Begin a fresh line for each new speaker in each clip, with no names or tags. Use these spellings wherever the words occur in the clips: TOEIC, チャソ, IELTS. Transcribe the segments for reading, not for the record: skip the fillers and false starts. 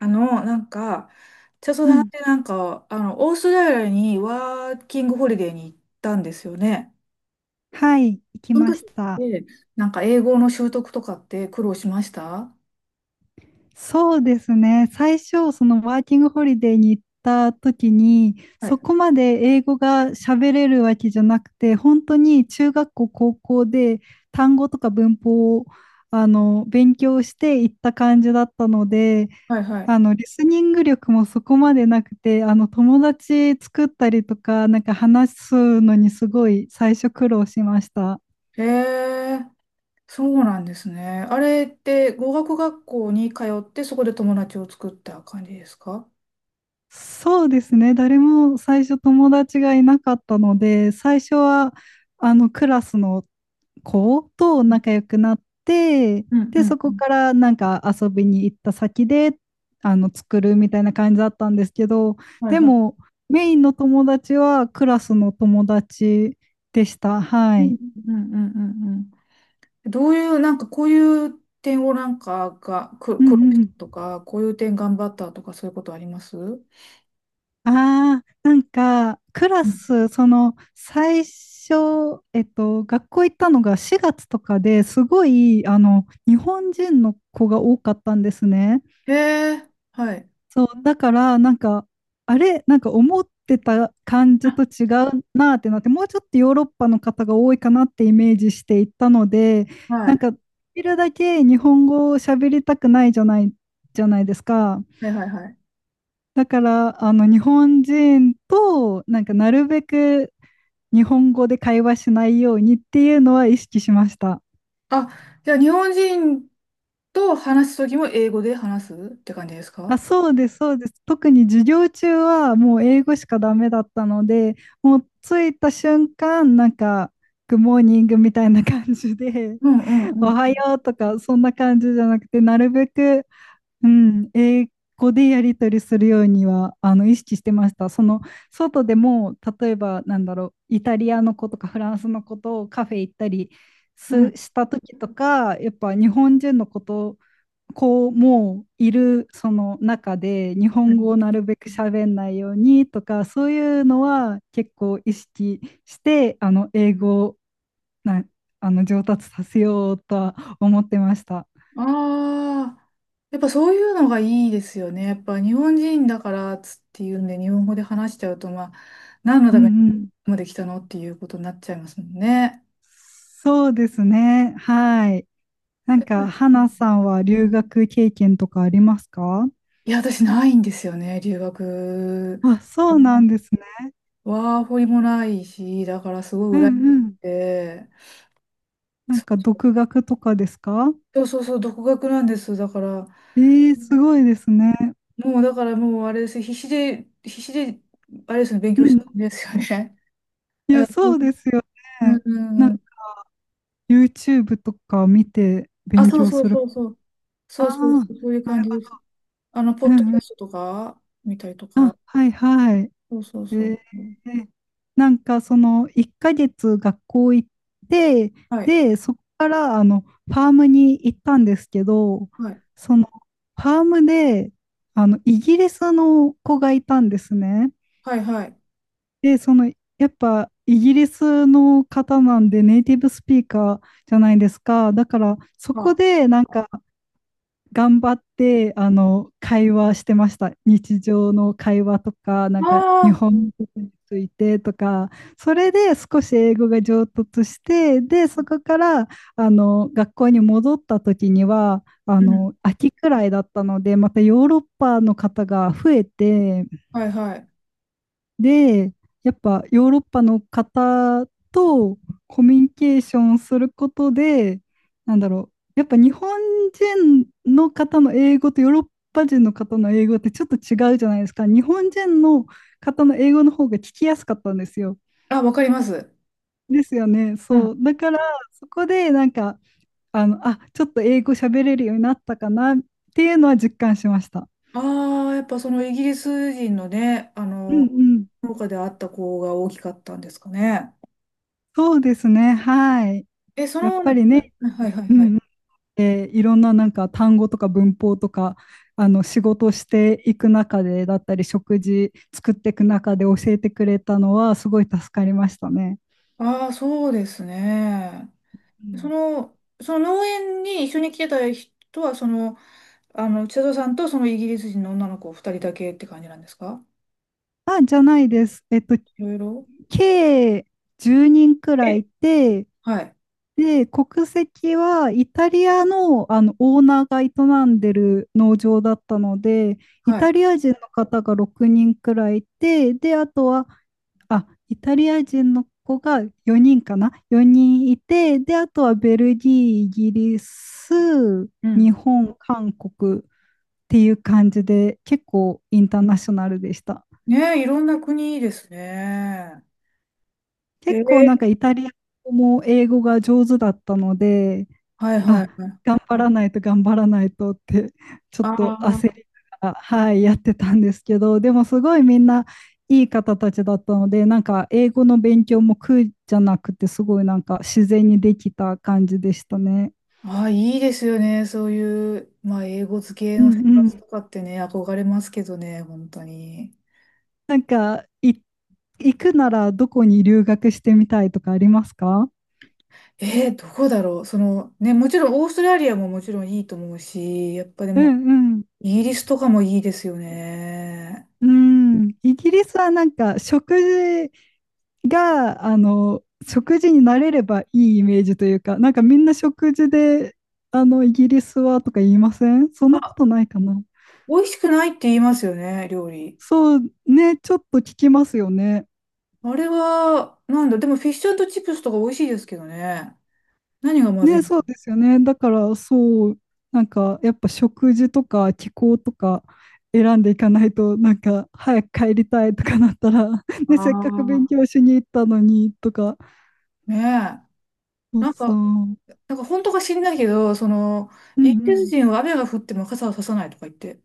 あの、なんか、チャソ
う
さんっ
ん、
てオーストラリアにワーキングホリデーに行ったんですよね。
はい、行き
その
ま
時
し
っ
た。
て、英語の習得とかって苦労しました？
そうですね。最初、そのワーキングホリデーに行った時に、
はい。
そこまで英語が喋れるわけじゃなくて、本当に中学校、高校で単語とか文法を勉強して行った感じだったので、
はいはい。
あのリスニング力もそこまでなくて、あの友達作ったりとか、なんか話すのにすごい最初苦労しました。
へえ、そうなんですね。あれって語学学校に通って、そこで友達を作った感じですか？
そうですね。誰も最初友達がいなかったので、最初はあのクラスの子と
うん
仲良くなって、
うんう
で、そ
んう
こ
ん。
からなんか遊びに行った先であの作るみたいな感じだったんですけど、
はい
で
はい。
もメインの友達はクラスの友達でした。
う
は
ん
い。
うんうんうんうん。どういう、こういう点をなんかがく
う
苦労した
ん、
とか、こういう点頑張ったとかそういうことあります？う
ああ、なんか、クラ
ん。
ス、その、最初、学校行ったのが4月とかで、すごい、あの、日本人の子が多かったんですね。
へえ、はい。
そう、だから、なんか、あれ、なんか思ってた感じと
あ、
違うなってなって、もうちょっとヨーロッパの方が多いかなってイメージしていったので、
は
なん
い。
か、できるだけ日本語を喋りたくないじゃない、じゃないですか。
はいはいはい。
だから、あの、日本人と、なんか、なるべく日本語で会話しないようにっていうのは意識しました。
あ、じゃあ日本人と話すときも英語で話すって感じです
あ、
か？
そうです、そうです。特に授業中はもう英語しかダメだったので、もう着いた瞬間、なんか、グッモーニングみたいな感じで、
うん
お
う
はよ
ん
うとか、そんな感じじゃなくて、なるべく、うん、英語でやり取りするようにはあの意識してました。その外でも、例えばなんだろう、イタリアの子とかフランスの子とカフェ行ったり
う
す
ん。
した時とか、やっぱ日本人の子とこうもういるその中で、日
う
本語
ん。
をなるべく喋んないようにとか、そういうのは結構意識して、あの英語をなあの上達させようとは思ってました。
ああ、やっぱそういうのがいいですよね。やっぱ日本人だからっつっていうんで、日本語で話しちゃうと、まあ、何の
う
ため
んうん、
まで来たのっていうことになっちゃいますもんね。
そうですね。はい。なんか、花さんは留学経験とかありますか？
いや、私ないんですよね、留学。
あ、そうなんですね。
ワーホリもないし、だからす
う
ごい羨
ん
まし
う
く
ん。
て。
なんか、独学とかですか？
そうそうそう、独学なんです。だから、
えー、すごいですね。
もうだからもうあれです。必死で、必死で、あれですね、勉
う
強したん
ん。
ですよね。
い
う
や、
ん、
そうですよ
うん、
ね。なん
う
か、
ん。
YouTube とか見て
あ、
勉
そう
強
そう
する。
そうそう。
あ
そうそうそ
あ、
う、そういう感じです。あの、ポ
う
ッドキ
んう
ャ
ん。
ストとか、見たりとか。
あ、はいはい。
そうそう
え
そう。
ー、なんかその1ヶ月学校行って、
はい、
で、そこからあのファームに行ったんですけど、
はい、
そのファームであのイギリスの子がいたんですね。
はい、はい。
で、そのやっぱイギリスの方なんでネイティブスピーカーじゃないですか。だからそ
あ、
こ
あ
でなんか頑張ってあの会話してました。日常の会話とか、なんか日
あ、
本語についてとか、それで少し英語が上達して、で、そこからあの学校に戻った時には、あ
うん、
の秋くらいだったので、またヨーロッパの方が増えて、
はい、はい。
で、やっぱヨーロッパの方とコミュニケーションすることで、なんだろう、やっぱ日本人の方の英語とヨーロッパ人の方の英語ってちょっと違うじゃないですか。日本人の方の英語の方が聞きやすかったんですよ。
あ、わかります。
ですよね。
う
そ
ん。
う。だから、そこでなんか、あの、あ、ちょっと英語喋れるようになったかなっていうのは実感しました。
ああ、やっぱそのイギリス人のね、
うんうん。
農家であった子が大きかったんですかね。
そうですね。はい。
え、そ
やっ
の、
ぱりね、
はいはい
う
はい。
ん、でいろんななんか単語とか文法とか、あの仕事していく中でだったり食事作っていく中で教えてくれたのはすごい助かりましたね。
ああ、そうですね。
う
そ
ん、
の、その農園に一緒に来てた人は、その、あの、千里さんとそのイギリス人の女の子二人だけって感じなんですか？
あじゃないです。
いろいろ。
計10人くらいい
え、
て、
はい、
で国籍はイタリアの、あのオーナーが営んでる農場だったので、イ
は
タ
い。
リア人の方が6人くらいいて、であとは、あ、イタリア人の子が4人かな？ 4 人いて、で、あとはベルギー、イギリス、
うん。
日本、韓国っていう感じで、結構インターナショナルでした。
ねえ、いろんな国ですね。え
結構
ー、
なんかイタリア語も英語が上手だったので、
はいは
あ、
いはい。
頑張らないと頑張らないとって、ちょっ
あ
と焦り
あ、
ながら、はい、やってたんですけど、でもすごいみんないい方たちだったので、なんか英語の勉強も苦じゃなくて、すごいなんか自然にできた感じでしたね。
ああ、いいですよね。そういう、まあ、英語付け
う
の生
んう
活
ん。
とかってね、憧れますけどね、本当に。
なんか、行くならどこに留学してみたいとかありますか？
どこだろう。その、ね、もちろんオーストラリアももちろんいいと思うし、やっぱで
う
も、
んうん。
イギリスとかもいいですよね。
うん、イギリスはなんか食事が、あの、食事に慣れればいいイメージというか、なんかみんな食事で、あの、イギリスはとか言いません、そんなこ
あ、
とないかな。
美味しくないって言いますよね、料理。
そうね、ちょっと聞きますよね。
あれは、なんだ、でもフィッシュチップスとか美味しいですけどね。何がまずい
ね、
の？
そうですよね。だから、そう、なんかやっぱ食事とか気候とか選んでいかないと、なんか早く帰りたいとかなったら、ね、せっかく勉
ああ
強しに行ったのにとか、
ー。ね
そ
え。
う
なん
そう。
か、
うん
なんか本当か知んないけど、その、
う
イギリス
ん、
人は雨が降っても傘を差さないとか言って。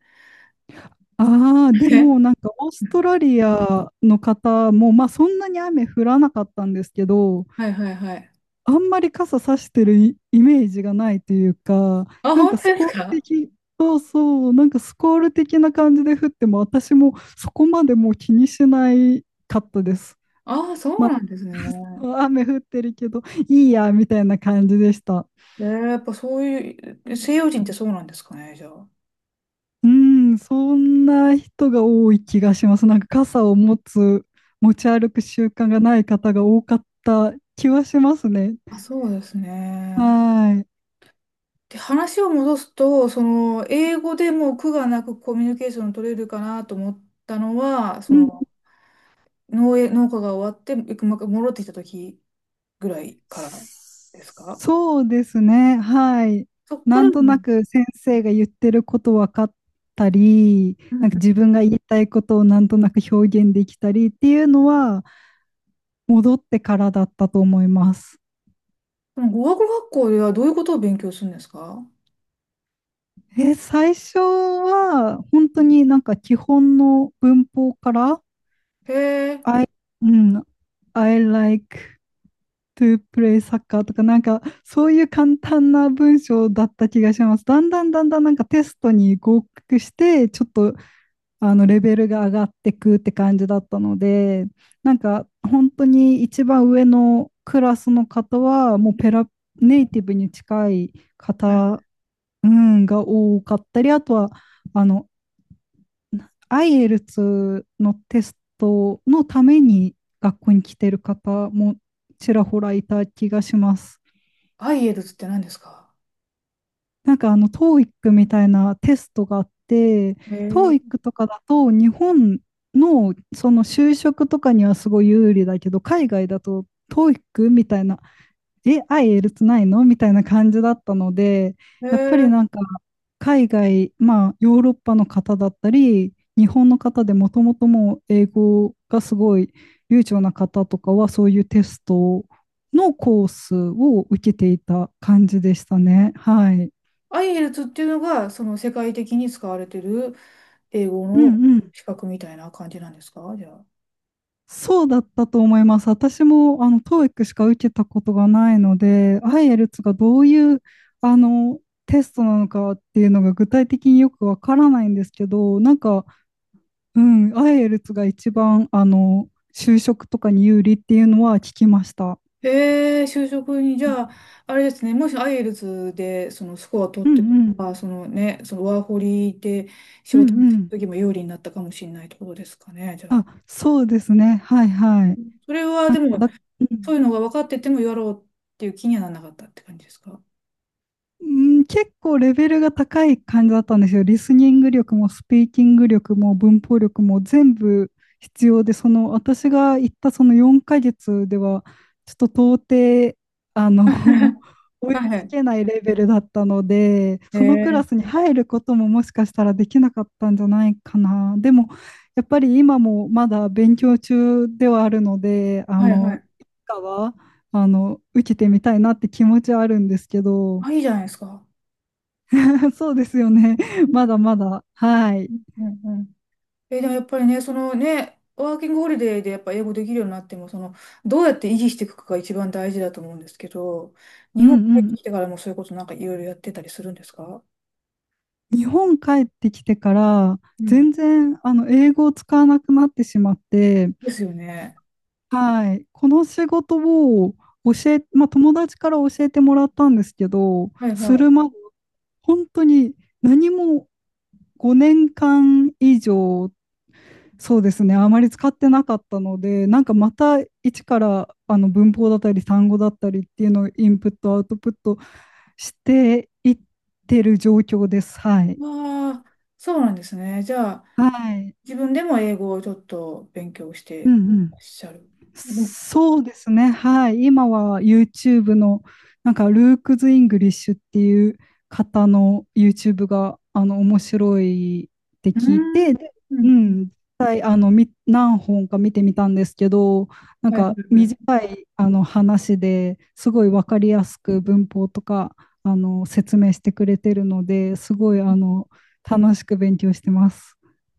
ああ、でも
え、
なんかオーストラリアの方も、まあそんなに雨降らなかったんですけど、
はいはいはい。
あんまり傘さしてるイイメージがないというか、
あ、
なん
本
か
当
ス
で
コ
す
ール
か？
的、そうそう、なんかスコール的な感じで降っても、私もそこまでもう気にしないかったです。
ああ、そ
ま
うなんですね。
あ、雨降ってるけど、いいや、みたいな感じでした。
やっぱそういう、西洋人ってそうなんですかね、じゃあ。
うん、そんな人が多い気がします。なんか傘を持つ、持ち歩く習慣がない方が多かった気はしますね。
あ、そうですね。
はい。
で、話を戻すと、その、英語でもう苦がなくコミュニケーション取れるかなと思ったのは、そ
うん。
の、農園、農家が終わって、ま戻ってきた時ぐらいからですか？
そうですね。はい。
そっか
な
ら
んと
も、
なく先生が言ってること分かったり、
う
なん
ん。
か自分が言いたいことをなんとなく表現できたりっていうのは戻ってからだったと思います。
その語学学校ではどういうことを勉強するんですか？
え、最初は本当になんか基本の文法から、
へえ。
I、 うん、I like to play soccer とか、なんか、そういう簡単な文章だった気がします。だんだんだんだんなんかテストに合格して、ちょっと、あの、レベルが上がってくって感じだったので、なんか、本当に一番上のクラスの方は、もうペラ、ネイティブに近い
はい。
方、うん、が多かったり、あとは、あの、IELTS のテストのために学校に来てる方もちらほらいた気がします。
アイエルツって何ですか？
なんかあの TOEIC みたいなテストがあって、
へえ。
TOEIC とかだと日本のその就職とかにはすごい有利だけど、海外だと TOEIC みたいな、え、愛エルツないの、みたいな感じだったので、
へ
やっぱり
え、
なんか海外、まあヨーロッパの方だったり、日本の方でもともともう英語がすごい流暢な方とかはそういうテストのコースを受けていた感じでしたね。はい。
IELTS っていうのが、その世界的に使われてる英語
う
の
んうん。
資格みたいな感じなんですか、じゃあ？
そうだったと思います。私も、あの、TOEIC しか受けたことがないので、IELTS がどういう、あの、テストなのかっていうのが具体的によくわからないんですけど、なんか、うん、IELTS が一番、あの、就職とかに有利っていうのは聞きました。
へえ、就職に、じ
うん
ゃあ、あれですね、もし IELTS でそのスコア取
う
ってと
ん、
か、そのね、そのワーホリで仕
うん
事の
うん。
時も有利になったかもしれないってことですかね、じゃ
あ、
あ。
そうですね。はいはい。
それはでも、
だ、う
そ
ん
ういうのが分かっててもやろうっていう気にはならなかったって感じですか？
うん、結構レベルが高い感じだったんですよ。リスニング力もスピーキング力も文法力も全部必要で、その私が行ったその4ヶ月では、ちょっと到底、あの、追い
はいは
つ
い。
けないレベルだったので、
へ
そのクラ
え、
スに入ることももしかしたらできなかったんじゃないかな。でも、やっぱり今もまだ勉強中ではあるので、あ
はいは
の、い
い。
つかは、あの、受けてみたいなって気持ちはあるんですけど、
あ、いいじゃないですか。
そうですよね。ま
う
だまだ。はい。
んうんうん。でもやっぱりね、そのね、ワーキングホリデーでやっぱ英語できるようになっても、その、どうやって維持していくかが一番大事だと思うんですけど、
う
日本帰
んう
って
ん。
きてからもそういうことなんかいろいろやってたりするんですか？
日本帰ってきてから、
う
全
ん。
然、あの、英語を使わなくなってしまって、
ですよね。
はい。この仕事を教え、まあ、友達から教えてもらったんですけど、
はいは
す
い。
るまで、本当に何も5年間以上、そうですね、あまり使ってなかったので、なんかまた一からあの文法だったり単語だったりっていうのをインプット、アウトプットしていってる状況です。はい。
わあ、そうなんですね。じゃあ、
はい。
自分でも英語をちょっと勉強し
う
て
んう
ら
ん。
っしゃる。うん、
そうですね。はい。今は YouTube の、なんか、ルークズ・イングリッシュっていう方の YouTube が、あの、面白いって
うー
聞い
ん。
て、で、
う
う
んうん。
ん、実際、あの、何本か見てみたんですけど、なん
はい
か、
は
短
い
い、あの、話ですごい分かりやすく文法とか、あの、説明してくれてるので、すごい、あの、楽しく勉強してます。